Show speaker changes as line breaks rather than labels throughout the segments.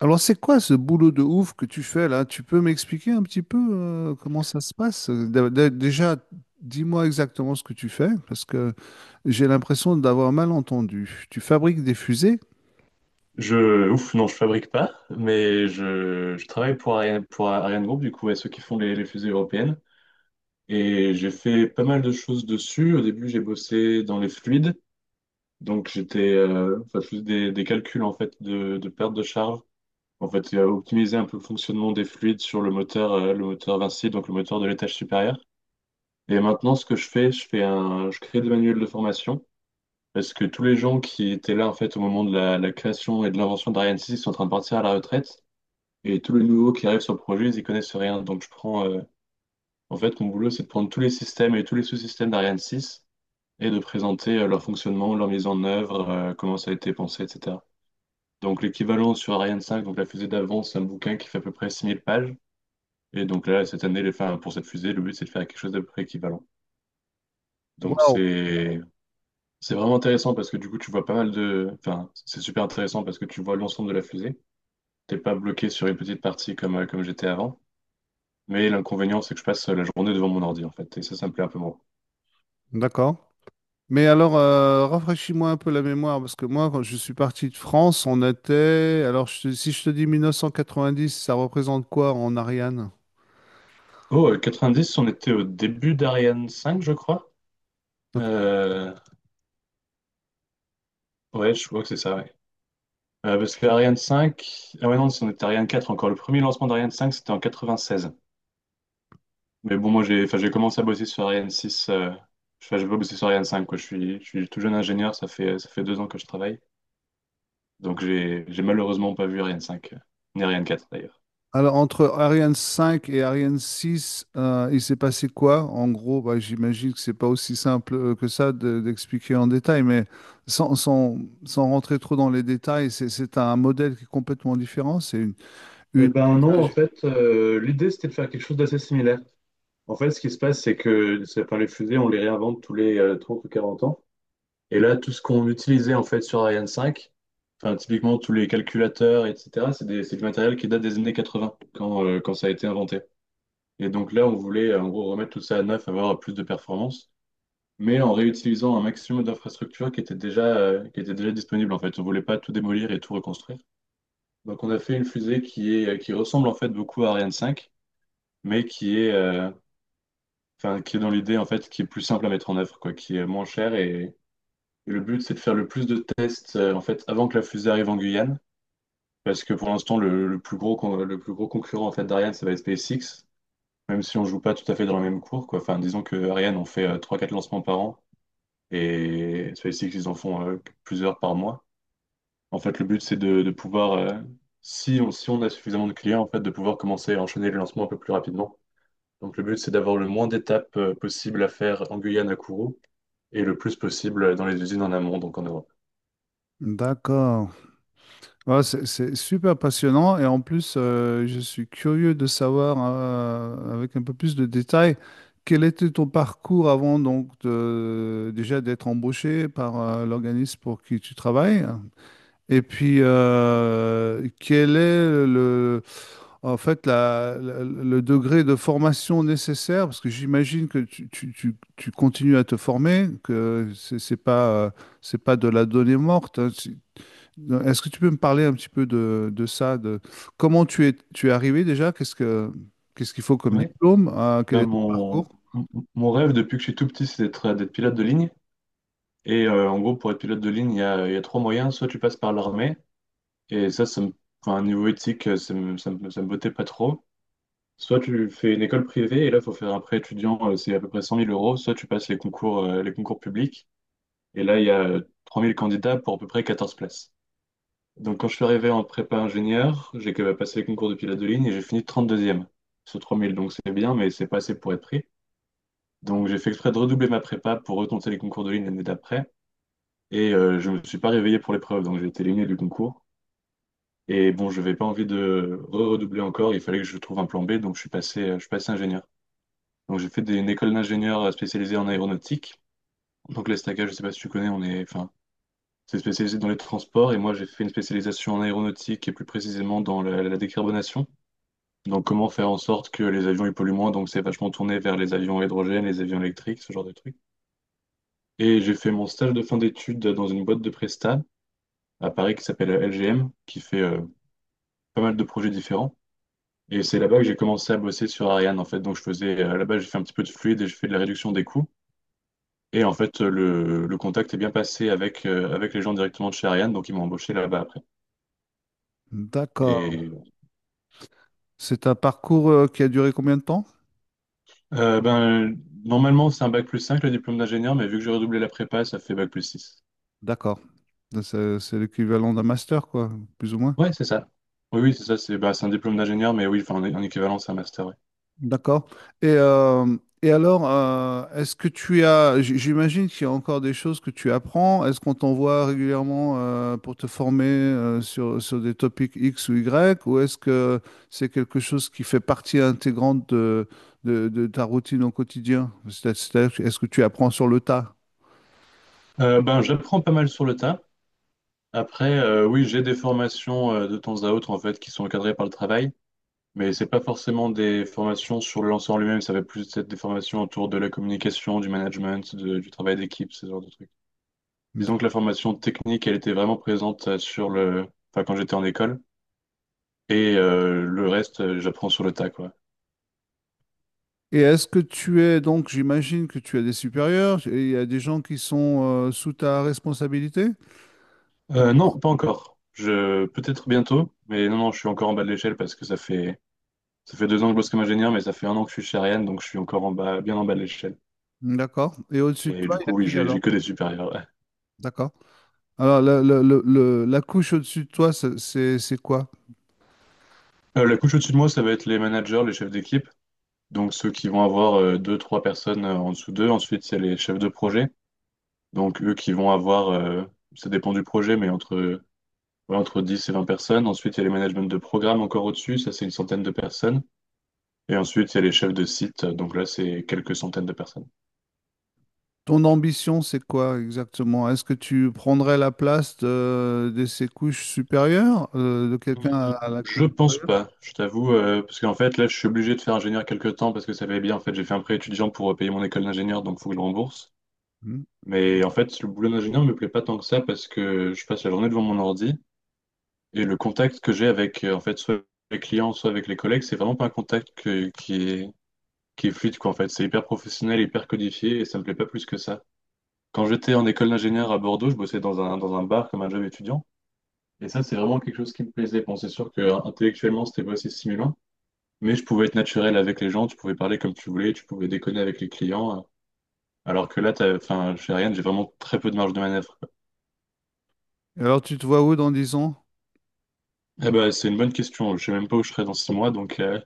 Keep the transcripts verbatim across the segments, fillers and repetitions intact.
Alors, c'est quoi ce boulot de ouf que tu fais là? Tu peux m'expliquer un petit peu euh, comment ça se passe? Dé- dé- Déjà, dis-moi exactement ce que tu fais, parce que j'ai l'impression d'avoir mal entendu. Tu fabriques des fusées?
Je, ouf, non, je fabrique pas, mais je, je travaille pour Ariane, pour Ariane Group, du coup, à ceux qui font les, les fusées européennes. Et j'ai fait pas mal de choses dessus. Au début, j'ai bossé dans les fluides. Donc, j'étais, euh, enfin, je faisais des, des calculs, en fait, de, de perte de charge. En fait, euh, optimiser un peu le fonctionnement des fluides sur le moteur, euh, le moteur Vinci, donc le moteur de l'étage supérieur. Et maintenant, ce que je fais, je fais un, je crée des manuels de formation. Parce que tous les gens qui étaient là, en fait, au moment de la, la création et de l'invention d'Ariane six sont en train de partir à la retraite. Et tous les nouveaux qui arrivent sur le projet, ils y connaissent rien. Donc je prends, euh, en fait, mon boulot, c'est de prendre tous les systèmes et tous les sous-systèmes d'Ariane six et de présenter euh, leur fonctionnement, leur mise en œuvre, euh, comment ça a été pensé, et cetera. Donc l'équivalent sur Ariane cinq, donc la fusée d'avance, c'est un bouquin qui fait à peu près six mille pages. Et donc là, cette année, les, enfin, pour cette fusée, le but, c'est de faire quelque chose d'à peu près équivalent. Donc
Waouh!
c'est c'est vraiment intéressant parce que du coup, tu vois pas mal de... Enfin, c'est super intéressant parce que tu vois l'ensemble de la fusée. T'es pas bloqué sur une petite partie comme, euh, comme j'étais avant. Mais l'inconvénient, c'est que je passe la journée devant mon ordi, en fait. Et ça, ça me plaît un peu moins.
D'accord. Mais alors, euh, rafraîchis-moi un peu la mémoire, parce que moi, quand je suis parti de France, on était... Alors, je te- si je te dis mille neuf cent quatre-vingt-dix, ça représente quoi en Ariane?
Oh, euh, quatre-vingt-dix, on était au début d'Ariane cinq, je crois.
Donc,
Euh, Ouais, je crois que c'est ça, ouais. Euh, parce que Ariane cinq... Ah ouais, non, on était à Ariane quatre encore. Le premier lancement d'Ariane cinq, c'était en quatre-vingt-seize. Mais bon, moi, j'ai enfin, j'ai commencé à bosser sur Ariane six. Euh... Enfin, j'ai pas bossé sur Ariane cinq, quoi. Je suis, je suis tout jeune ingénieur, ça fait, ça fait deux ans que je travaille. Donc, j'ai j'ai malheureusement pas vu Ariane cinq euh, ni Ariane quatre, d'ailleurs.
alors, entre Ariane cinq et Ariane six, euh, il s'est passé quoi? En gros, bah, j'imagine que c'est pas aussi simple euh, que ça de- d'expliquer en détail, mais sans, sans- sans rentrer trop dans les détails, c'est c'est un modèle qui est complètement différent. C'est une,
Eh
une-
ben non, en fait, euh, l'idée c'était de faire quelque chose d'assez similaire. En fait, ce qui se passe, c'est que c'est- enfin, les fusées, on les réinvente tous les euh, trente ou quarante ans. Et là, tout ce qu'on utilisait en fait sur Ariane cinq, enfin, typiquement tous les calculateurs, et cetera, c'est des- c'est du matériel qui date des années quatre-vingt, quand, euh, quand ça a été inventé. Et donc là, on voulait euh, en gros remettre tout ça à neuf, avoir plus de performance, mais en réutilisant un maximum d'infrastructures qui étaient déjà, euh, qui étaient déjà disponibles en fait. On voulait pas tout démolir et tout reconstruire. Donc on a fait une fusée qui est, euh, qui ressemble en fait beaucoup à Ariane cinq, mais qui est, euh, enfin, qui est dans l'idée en fait, qui est plus simple à mettre en œuvre, quoi, qui est moins cher. Et, et le but, c'est de faire le plus de tests euh, en fait avant que la fusée arrive en Guyane, parce que pour l'instant, le, le plus gros, con- le plus gros concurrent en fait d'Ariane, ça va être SpaceX, même si on joue pas tout à fait dans la même cour, quoi. Enfin, disons que Ariane, on fait euh, trois quatre lancements par an, et SpaceX, ils en font euh, plusieurs par mois. En fait, le but, c'est de, de pouvoir, euh, si on, si on a suffisamment de clients, en fait, de pouvoir commencer à enchaîner les lancements un peu plus rapidement. Donc, le but, c'est d'avoir le moins d'étapes euh, possible à faire en Guyane à Kourou et le plus possible dans les usines en amont, donc en Europe.
D'accord. Ouais, c'est c'est super passionnant et en plus, euh, je suis curieux de savoir, euh, avec un peu plus de détails, quel était ton parcours avant donc de- déjà d'être embauché par euh, l'organisme pour qui tu travailles? Et puis, euh, quel est le, en fait, la- la- le degré de formation nécessaire? Parce que j'imagine que tu, tu- tu- tu continues à te former, que c'est c'est pas, euh, c'est pas de la donnée morte, hein. Tu- Est-ce que tu peux me parler un petit peu de, de ça, de comment tu es, tu es arrivé déjà? Qu'est-ce que, qu'est-ce qu'il faut comme
Ouais.
diplôme? Euh, quel
Bah,
est ton parcours?
mon, mon mon rêve depuis que je suis tout petit, c'est d'être euh, d'être pilote de ligne. Et euh, en gros, pour être pilote de ligne, il y a, il y a trois moyens. Soit tu passes par l'armée, et ça, ça me, enfin, niveau éthique, euh, ça me, ça me, ça me bottait pas trop. Soit tu fais une école privée, et là, il faut faire un prêt étudiant, euh, c'est à peu près cent mille euros. Soit tu passes les concours, euh, les concours publics, et là, il y a euh, trois mille candidats pour à peu près quatorze places. Donc, quand je suis arrivé en prépa ingénieur, j'ai que- passé le concours de pilote de ligne et j'ai fini trente deuxième sur trois mille. Donc, c'est bien, mais c'est pas assez pour être pris. Donc, j'ai fait exprès de redoubler ma prépa pour retenter les concours de ligne l'année d'après. Et euh, je me suis pas réveillé pour l'épreuve, donc j'ai été éliminé du concours. Et bon, je n'avais pas envie de re-redoubler encore. Il fallait que je trouve un plan B, donc je suis passé, euh, je suis passé ingénieur. Donc, j'ai fait des- une école d'ingénieur euh, spécialisée en aéronautique. Donc, l'ESTACA, je sais pas si tu connais, on est, enfin, c'est spécialisé dans les transports. Et moi, j'ai fait une spécialisation en aéronautique et plus précisément dans la la décarbonation. Donc, comment faire en sorte que les avions ils polluent moins? Donc, c'est vachement tourné vers les avions à hydrogène, les avions électriques, ce genre de trucs. Et j'ai fait mon stage de fin d'études dans une boîte de prestat à Paris qui s'appelle L G M, qui fait euh, pas mal de projets différents. Et c'est là-bas que j'ai commencé à bosser sur Ariane, en fait. Donc, je faisais, euh, là-bas, j'ai fait un petit peu de fluide et je fais de la réduction des coûts. Et en fait, euh, le, le contact est bien passé avec, euh, avec les gens directement de chez Ariane, donc ils m'ont embauché là-bas après.
D'accord.
Et
C'est un parcours euh, qui a duré combien de temps?
euh, ben, normalement, c'est un bac plus cinq le diplôme d'ingénieur, mais vu que j'ai redoublé la prépa, ça fait bac plus six.
D'accord. C'est c'est l'équivalent d'un master, quoi, plus ou moins.
Ouais, c'est ça. Oui, oui, c'est ça. C'est bah, c'est un diplôme d'ingénieur, mais oui, enfin, en, en équivalent, c'est un master, ouais.
D'accord. Et, euh, et alors, euh, est-ce que tu as, j- j'imagine qu'il y a encore des choses que tu apprends. Est-ce qu'on t'envoie régulièrement euh, pour te former euh, sur, sur des topics X ou Y, ou est-ce que c'est quelque chose qui fait partie intégrante de, de, de ta routine au quotidien? C'est- c'est-à-dire, est-ce que tu apprends sur le tas?
Euh, ben, j'apprends pas mal sur le tas. Après, euh, oui, j'ai des formations euh, de temps à autre en fait qui sont encadrées par le travail, mais c'est pas forcément des formations sur le lanceur en lui-même. Ça va plus être des formations autour de la communication, du management, de- du travail d'équipe, ce genre de trucs. Disons que la
D'accord.
formation technique, elle était vraiment présente euh, sur le, enfin, quand j'étais en école. Et euh, le reste, euh, j'apprends sur le tas, quoi.
Et est-ce que tu es, donc, j'imagine que tu as des supérieurs et il y a des gens qui sont euh, sous ta responsabilité?
Euh, non, pas encore. Je, peut-être bientôt, mais non, non, je suis encore en bas de l'échelle parce que ça fait, ça fait deux ans que je bosse comme ingénieur, mais ça fait un an que je suis chez Ariane, donc je suis encore en bas, bien en bas de l'échelle.
D'accord. Et au-dessus de
Et
toi,
du
il y a
coup, oui,
qui
j'ai, j'ai
alors?
que des supérieurs, ouais.
D'accord. Alors, le- le- le- le- la couche au-dessus de toi, c'est c'est- c'est quoi?
Euh, la couche au-dessus de moi, ça va être les managers, les chefs d'équipe, donc ceux qui vont avoir euh, deux, trois personnes euh, en dessous d'eux. Ensuite, il y a les chefs de projet, donc eux qui vont avoir, euh, ça dépend du projet, mais entre Ouais, entre dix et vingt personnes. Ensuite, il y a les managements de programme encore au-dessus, ça c'est une centaine de personnes. Et ensuite, il y a les chefs de site, donc là c'est quelques centaines de personnes.
Ton ambition, c'est quoi exactement? Est-ce que tu prendrais la place de, de ces couches supérieures, euh, de
Hmm,
quelqu'un à la couche
je pense
supérieure?
pas, je t'avoue, euh, parce qu'en fait là je suis obligé de faire ingénieur quelques temps parce que ça va bien. En fait, j'ai fait un prêt étudiant pour euh, payer mon école d'ingénieur, donc faut que je le rembourse.
Hmm.
Mais en fait, le boulot d'ingénieur me plaît pas tant que ça parce que je passe la journée devant mon ordi et le contact que j'ai avec euh, en fait soit les clients, soit avec les collègues, c'est vraiment pas un contact que- qui est qui est fluide quoi. En fait, c'est hyper professionnel, hyper codifié et ça me plaît pas plus que ça. Quand j'étais en école d'ingénieur à Bordeaux, je bossais dans un, dans un bar comme un job étudiant. Et ça, c'est vraiment quelque chose qui me plaisait. Bon, c'est sûr que euh, intellectuellement, c'était pas assez stimulant, mais je pouvais être naturel avec les gens, tu pouvais parler comme tu voulais, tu pouvais déconner avec les clients. euh, Alors que là, t'as, enfin, chez Ryan, j'ai vraiment très peu de marge de manœuvre, quoi.
Et alors, tu te vois où dans dix ans?
Eh ben, c'est une bonne question. Je sais même pas où je serai dans six mois, donc euh,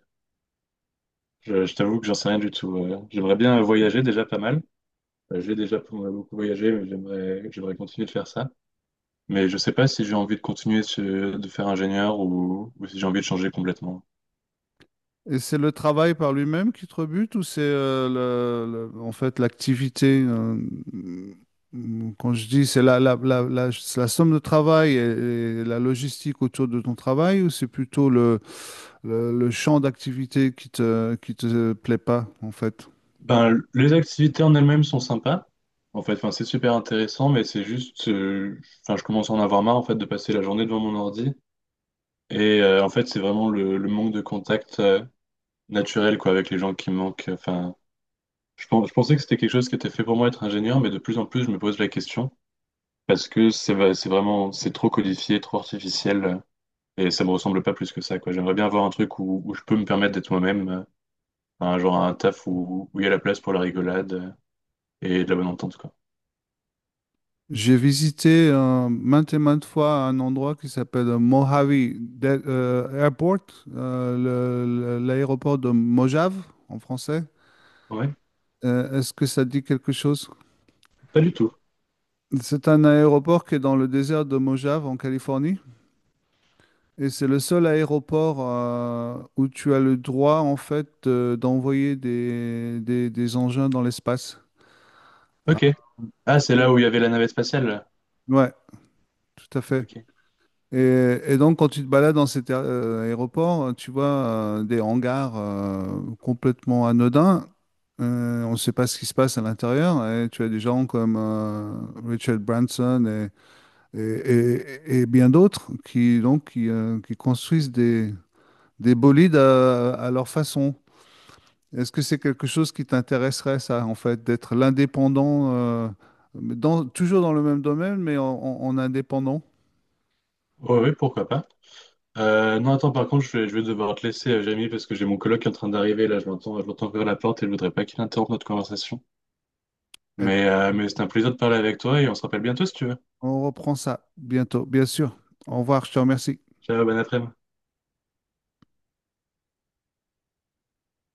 je, je t'avoue que j'en sais rien du tout. euh. J'aimerais bien voyager déjà pas mal. Euh, j'ai déjà beaucoup voyagé, mais j'aimerais, j'aimerais continuer de faire ça. Mais je sais pas si j'ai envie de continuer ce- de faire ingénieur ou, ou si j'ai envie de changer complètement.
Et c'est le travail par lui-même qui te rebute ou c'est euh, le- le- en fait l'activité euh, mm, quand je dis c'est la, la, la, la, c'est la somme de travail et, et la logistique autour de ton travail ou c'est plutôt le, le, le champ d'activité qui te, qui te plaît pas en fait?
Ben, l- les activités en elles-mêmes sont sympas. En fait, enfin, c'est super intéressant, mais c'est juste, euh, enfin, je commence à en avoir marre en fait de passer la journée devant mon ordi. Et euh, en fait, c'est vraiment le, le manque de contact euh, naturel quoi avec les gens qui me manquent. Enfin, je, pen- je pensais que c'était quelque chose qui était fait pour moi être ingénieur, mais de plus en plus, je me pose la question parce que c'est va- c'est vraiment, c'est trop codifié, trop artificiel. Et ça me ressemble pas plus que ça, quoi. J'aimerais bien avoir un truc où, où je peux me permettre d'être moi-même, euh, un genre un taf où où il y a la place pour la rigolade euh, et de la bonne entente, quoi.
J'ai visité euh, maintes et maintes fois un endroit qui s'appelle Mojave De- euh, Airport, euh, le- le- l'aéroport de Mojave en français.
Ouais,
Euh, est-ce que ça dit quelque chose?
pas du tout.
C'est un aéroport qui est dans le désert de Mojave en Californie et c'est le seul aéroport euh, où tu as le droit en fait de- d'envoyer des, des- des engins dans l'espace. Ah,
Ok. Ah, c'est
et-
là où il y avait la navette spatiale.
Ouais, tout à fait.
Ok.
Et, et donc quand tu te balades dans cet aé- euh, aéroport, tu vois euh, des hangars euh, complètement anodins. Euh, on ne sait pas ce qui se passe à l'intérieur et tu as des gens comme euh, Richard Branson et, et- et bien d'autres qui, donc, qui, euh, qui construisent des, des bolides à, à leur façon. Est-ce que c'est quelque chose qui t'intéresserait, ça, en fait, d'être l'indépendant, euh, dans, toujours dans le même domaine, mais en, en- en indépendant?
Ouais, ouais, pourquoi pas. Euh, non, attends, par contre, je vais, je vais devoir te laisser, euh, Jamie, parce que j'ai mon coloc qui est en train d'arriver, là, je l'entends, je l'entends ouvrir la porte et je voudrais pas qu'il interrompe notre conversation.
Eh
Mais,
ben,
euh, mais c'est un plaisir de parler avec toi et on se rappelle bientôt si tu veux.
on reprend ça bientôt, bien sûr. Au revoir, je te remercie.
Ciao, bon après-midi.